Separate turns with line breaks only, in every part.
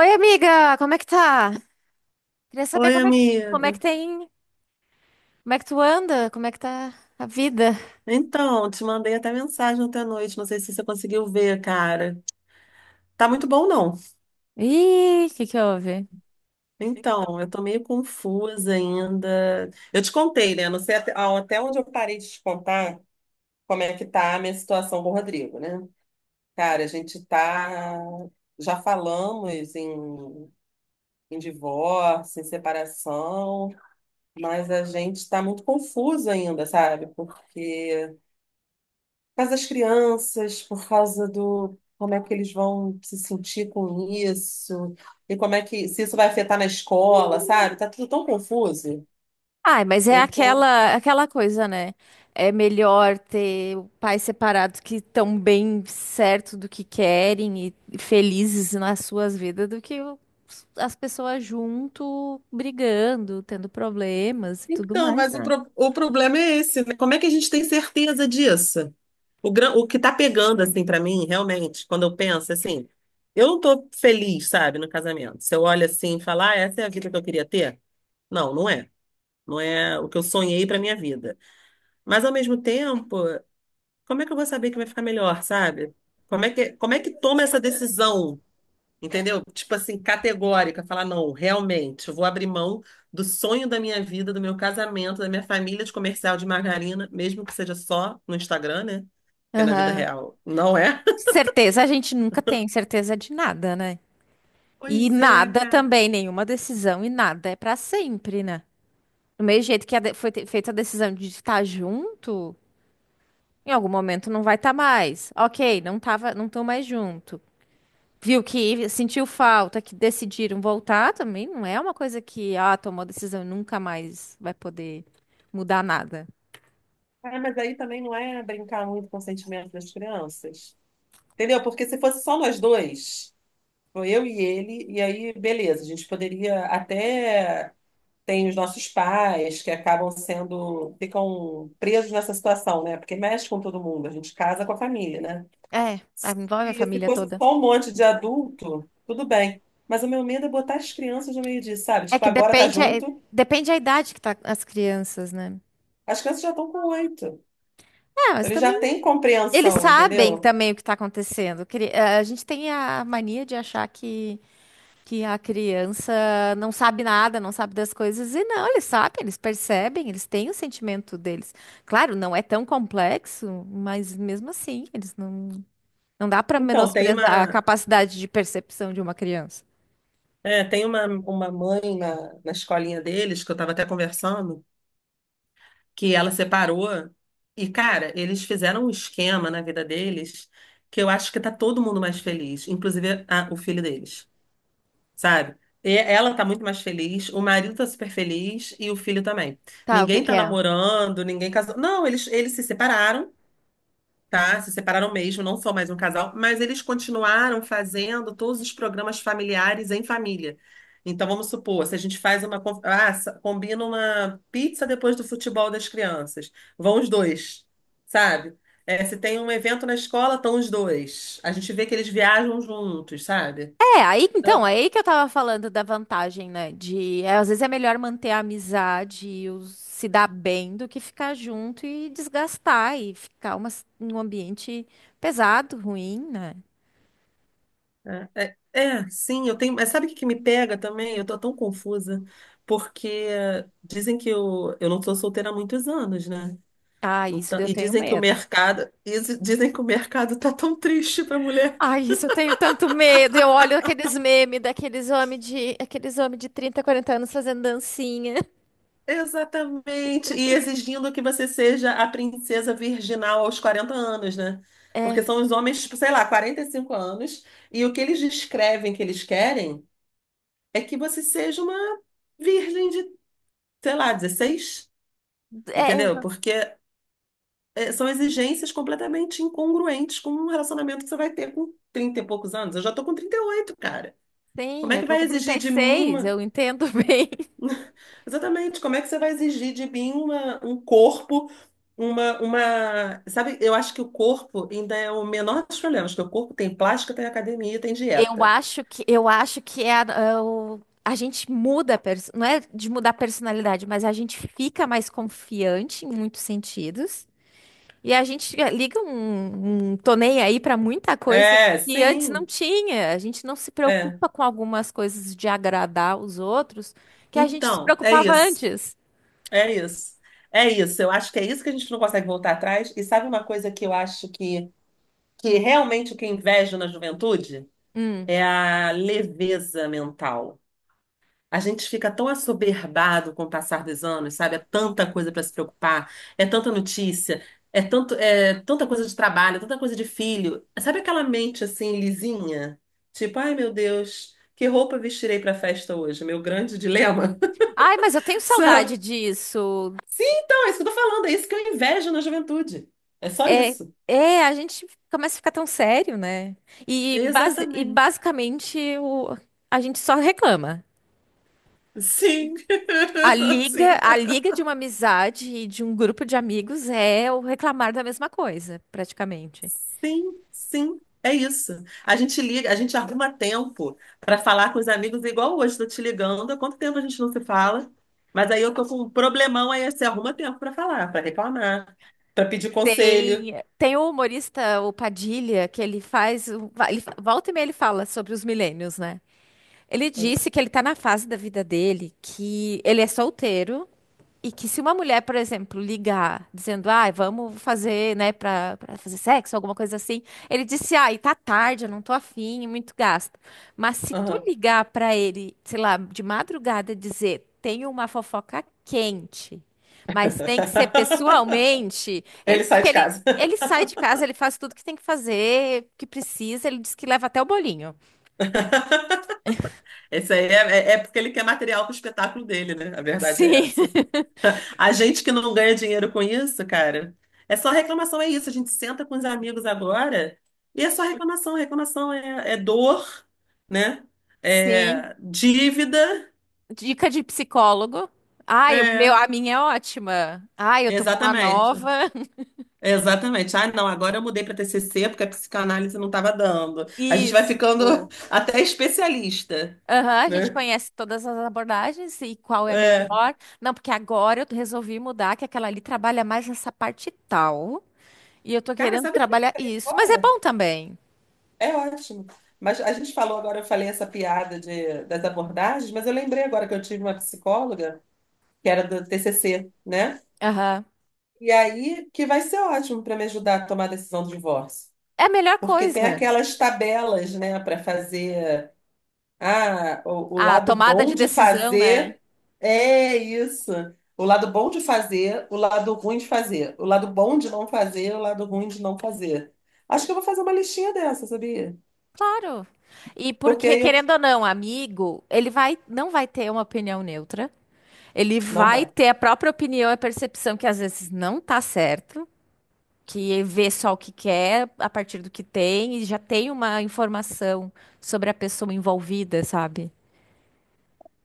Oi, amiga, como é que tá? Queria saber
Oi, amiga.
como é que tu anda, como é que tá a vida?
Então, te mandei até mensagem ontem à noite, não sei se você conseguiu ver, cara. Tá muito bom, não.
Ih, o que que houve?
Então, eu tô meio confusa ainda. Eu te contei, né? Não sei até, até onde eu parei de te contar como é que tá a minha situação com o Rodrigo, né? Cara, a gente tá. Já falamos em, em divórcio, em separação, mas a gente tá muito confuso ainda, sabe? Porque por causa das crianças, por causa do como é que eles vão se sentir com isso, e como é que se isso vai afetar na escola, sabe? Tá tudo tão confuso.
Ai, mas é
Eu tô.
aquela coisa, né? É melhor ter o pais separados que estão bem certo do que querem e felizes nas suas vidas do que as pessoas junto brigando, tendo problemas e tudo
Então,
mais,
mas
né?
o problema é esse, né? Como é que a gente tem certeza disso? O que tá pegando, assim, pra mim, realmente, quando eu penso, assim, eu não tô feliz, sabe, no casamento. Se eu olho assim e falar, ah, essa é a vida que eu queria ter? Não, não é. Não é o que eu sonhei pra minha vida. Mas, ao mesmo tempo, como é que eu vou saber que vai ficar melhor, sabe? Como é que toma essa decisão, entendeu? Tipo assim, categórica, falar, não, realmente, eu vou abrir mão do sonho da minha vida, do meu casamento, da minha família de comercial de margarina, mesmo que seja só no Instagram, né? Porque na vida
Aham.
real não é.
Certeza a gente nunca tem certeza de nada, né? E
Pois é,
nada
cara.
também, nenhuma decisão e nada é pra sempre, né? Do mesmo jeito que a de- foi te- feita a decisão de estar junto, em algum momento não vai estar mais. Ok, não tava, não estão mais junto. Viu que sentiu falta, que decidiram voltar também, não é uma coisa que, ah, tomou decisão e nunca mais vai poder mudar nada.
Ah, mas aí também não é brincar muito com o sentimento das crianças. Entendeu? Porque se fosse só nós dois, foi eu e ele, e aí, beleza, a gente poderia até tem os nossos pais que acabam sendo, ficam presos nessa situação, né? Porque mexe com todo mundo, a gente casa com a família, né?
É, envolve a
E se
família
fosse
toda.
só um monte de adulto, tudo bem. Mas o meu medo é botar as crianças no meio disso, sabe?
É
Tipo,
que
agora tá junto,
depende a idade que tá as crianças, né?
as crianças já estão com 8. Então,
É, mas
eles já
também
têm
eles
compreensão,
sabem
entendeu?
também o que está acontecendo. A gente tem a mania de que a criança não sabe nada, não sabe das coisas. E não, eles sabem, eles percebem, eles têm o sentimento deles. Claro, não é tão complexo, mas mesmo assim, eles não, não dá para
Então, tem
menosprezar a
uma,
capacidade de percepção de uma criança.
é, tem uma, uma mãe na, na escolinha deles, que eu estava até conversando, que ela separou. E, cara, eles fizeram um esquema na vida deles que eu acho que tá todo mundo mais feliz, inclusive o filho deles, sabe? E ela tá muito mais feliz, o marido tá super feliz e o filho também.
Tá, o que
Ninguém
que
tá
é?
namorando, ninguém casou. Não, eles se separaram, tá? Se separaram mesmo, não são mais um casal, mas eles continuaram fazendo todos os programas familiares em família. Então, vamos supor, se a gente faz uma. Con- Ah, sa- combina uma pizza depois do futebol das crianças. Vão os dois, sabe? É, se tem um evento na escola, estão os dois. A gente vê que eles viajam juntos, sabe?
É, aí então,
Então,
é aí que eu tava falando da vantagem, né? Às vezes é melhor manter a amizade e se dar bem do que ficar junto e desgastar e ficar um ambiente pesado, ruim, né?
é, sim, eu tenho. Mas sabe o que que me pega também? Eu tô tão confusa, porque dizem que eu não sou solteira há muitos anos, né?
Ah, isso
Então,
eu
e
tenho medo.
dizem que o mercado tá tão triste para a mulher.
Ai, isso eu tenho tanto medo. Eu olho aqueles memes aqueles homem de 30, 40 anos fazendo dancinha.
Exatamente. E exigindo que você seja a princesa virginal aos 40 anos, né?
É,
Porque são os homens, tipo, sei lá, 45 anos, e o que eles descrevem que eles querem é que você seja uma virgem de, sei lá, 16,
é,
entendeu? Porque são exigências completamente incongruentes com um relacionamento que você vai ter com 30 e poucos anos. Eu já tô com 38, cara. Como
sim,
é
eu
que
tô
vai
com trinta
exigir
e
de mim…
seis, eu entendo bem.
Exatamente. Como é que você vai exigir de mim um corpo, uma. Sabe, eu acho que o corpo ainda é o menor dos problemas, porque o corpo tem plástica, tem academia, tem dieta.
Eu acho que é é a gente muda, não é de mudar a personalidade, mas a gente fica mais confiante em muitos sentidos. E a gente liga um tô nem aí pra muita coisa
É,
que antes não
sim.
tinha. A gente não se
É.
preocupa com algumas coisas de agradar os outros que a gente se
Então, é
preocupava
isso.
antes.
É isso. É isso. Eu acho que é isso que a gente não consegue voltar atrás. E sabe uma coisa que realmente o que eu invejo na juventude? É a leveza mental. A gente fica tão assoberbado com o passar dos anos, sabe? É tanta coisa para se preocupar, é tanta notícia, é tanta coisa de trabalho, é tanta coisa de filho. Sabe aquela mente assim lisinha? Tipo, ai meu Deus, que roupa vestirei para a festa hoje? Meu grande dilema,
Ai, mas eu tenho
sabe?
saudade disso.
Sim, então, é isso que eu tô falando, é isso que eu invejo na juventude. É só
É,
isso.
a gente começa a ficar tão sério, né? E,
Exatamente.
basicamente a gente só reclama.
Sim.
A liga,
Sim.
a liga de uma amizade e de um grupo de amigos é o reclamar da mesma coisa, praticamente.
Sim, sim, é isso. A gente liga, a gente arruma tempo para falar com os amigos, igual hoje, estou te ligando. Há quanto tempo a gente não se fala? Mas aí eu tô com um problemão, aí você arruma tempo para falar, para reclamar, para pedir conselho.
Tem, tem o humorista, o Padilha, que ele, volta e meia ele fala sobre os milênios, né? Ele disse que ele tá na fase da vida dele, que ele é solteiro. E que se uma mulher, por exemplo, ligar dizendo, ai, vamos fazer, né, pra fazer sexo, alguma coisa assim, ele disse, ai, tá tarde, eu não tô afim, muito gasto. Mas se tu
Aham.
ligar pra ele, sei lá, de madrugada e dizer, tenho uma fofoca quente, mas tem que ser pessoalmente,
Ele sai de casa.
ele sai de casa, ele faz tudo que tem que fazer, que precisa, ele diz que leva até o bolinho.
Esse aí é, é porque ele quer material para o espetáculo dele, né? A verdade é
Sim,
essa. A gente que não ganha dinheiro com isso, cara, é só reclamação, é isso. A gente senta com os amigos agora e é só reclamação. É dor, né?
sim.
É dívida.
Dica de psicólogo. Ai,
É,
a minha é ótima. Ai, eu tô com uma nova.
exatamente. Exatamente. Ah, não, agora eu mudei para TCC porque a psicanálise não estava dando. A gente vai ficando
Isso.
até especialista,
Aham, a gente
né?
conhece todas as abordagens e qual é a
É.
melhor. Não, porque agora eu resolvi mudar, que aquela ali trabalha mais essa parte tal. E eu tô
Cara,
querendo
sabe o que eu
trabalhar
lembrei
isso. Mas é
agora?
bom também.
É ótimo. Mas a gente falou agora, eu falei essa piada de, das abordagens, mas eu lembrei agora que eu tive uma psicóloga que era do TCC, né?
Aham.
E aí que vai ser ótimo para me ajudar a tomar a decisão do divórcio.
É a melhor
Porque tem
coisa.
aquelas tabelas, né, para fazer. Ah, o
A
lado
tomada
bom
de
de
decisão, né?
fazer é isso. O lado bom de fazer, o lado ruim de fazer. O lado bom de não fazer, o lado ruim de não fazer. Acho que eu vou fazer uma listinha dessa, sabia?
Claro. E
Porque
porque,
aí eu.
querendo ou não, amigo, não vai ter uma opinião neutra. Ele
Não
vai
vai.
ter a própria opinião e a percepção que às vezes não tá certo, que vê só o que quer a partir do que tem e já tem uma informação sobre a pessoa envolvida, sabe?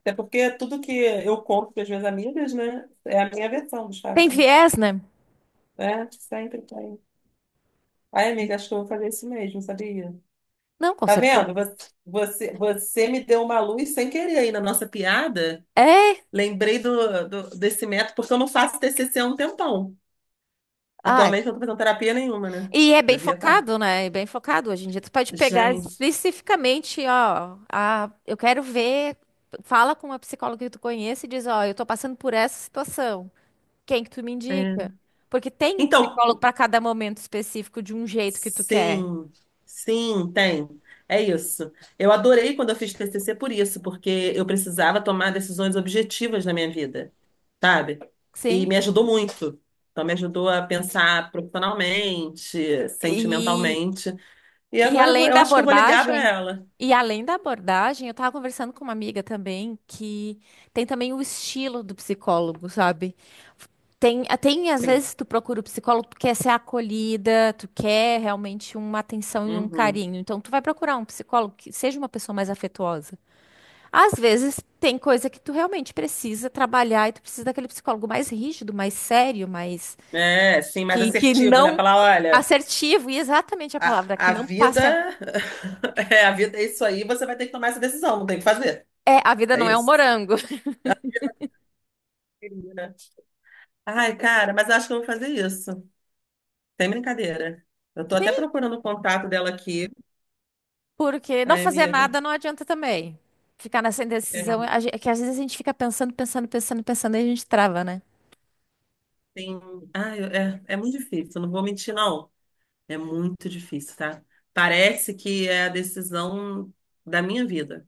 Até porque tudo que eu conto para as minhas amigas, né, é a minha versão dos
Tem
fatos.
viés, né?
Né? Sempre tem. Ai, amiga, acho que eu vou fazer isso mesmo, sabia?
Não, com
Tá
certeza.
vendo? Você me deu uma luz sem querer aí na nossa piada.
É.
Lembrei desse método, porque eu não faço TCC há um tempão.
Ah,
Atualmente eu não tô fazendo terapia nenhuma, né?
e é bem
Devia estar.
focado, né? É bem focado. Hoje em dia tu pode pegar
Gente.
especificamente, ó, a, eu quero ver, fala com uma psicóloga que tu conhece e diz, ó, eu tô passando por essa situação. Quem que tu me indica?
É.
Porque tem um
Então,
psicólogo para cada momento específico de um jeito que tu quer.
sim, sim, tem. É isso. Eu adorei quando eu fiz TCC por isso, porque eu precisava tomar decisões objetivas na minha vida, sabe? E
Sim.
me ajudou muito. Então, me ajudou a pensar profissionalmente,
E,
sentimentalmente. E
e
agora
além
eu
da
acho que eu vou ligar para
abordagem,
ela.
eu tava conversando com uma amiga também que tem também o estilo do psicólogo, sabe? Tem, tem às
Sim.
vezes tu procura o psicólogo, tu quer ser acolhida, tu quer realmente uma atenção e um
Uhum.
carinho. Então tu vai procurar um psicólogo que seja uma pessoa mais afetuosa. Às vezes tem coisa que tu realmente precisa trabalhar e tu precisa daquele psicólogo mais rígido, mais sério, mais
É, sim, mais
que
assertivo, né?
não
Falar, olha,
assertivo, e exatamente a palavra que
a
não
vida…
passa.
É, a vida é isso aí, você vai ter que tomar essa decisão, não tem o que fazer.
É, a vida
É
não é um
isso.
morango.
Ai, cara, mas eu acho que eu vou fazer isso. Tem brincadeira. Eu tô até procurando o contato dela aqui.
Porque não
Ai,
fazer
amiga.
nada não adianta também. Ficar nessa
É,
indecisão, é que às vezes a gente fica pensando e a gente trava, né?
tem… Ai, é, é muito difícil, não vou mentir, não. É muito difícil, tá? Parece que é a decisão da minha vida.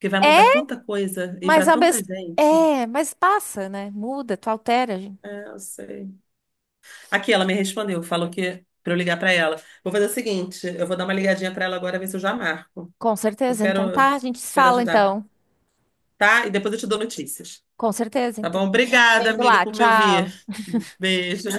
Que vai mudar
É,
tanta coisa e
mas
pra
a
tanta
mes...
gente.
mas passa, né? Muda, tu altera, gente.
É, eu sei. Aqui, ela me respondeu, falou que pra eu ligar pra ela. Vou fazer o seguinte, eu vou dar uma ligadinha pra ela agora, ver se eu já marco.
Com
Eu
certeza. Então
quero,
tá, a gente se
quero
fala
ajudar,
então.
tá? E depois eu te dou notícias.
Com certeza,
Tá bom?
então.
Obrigada,
Vem
amiga,
lá,
por me ouvir.
tchau.
Beijo.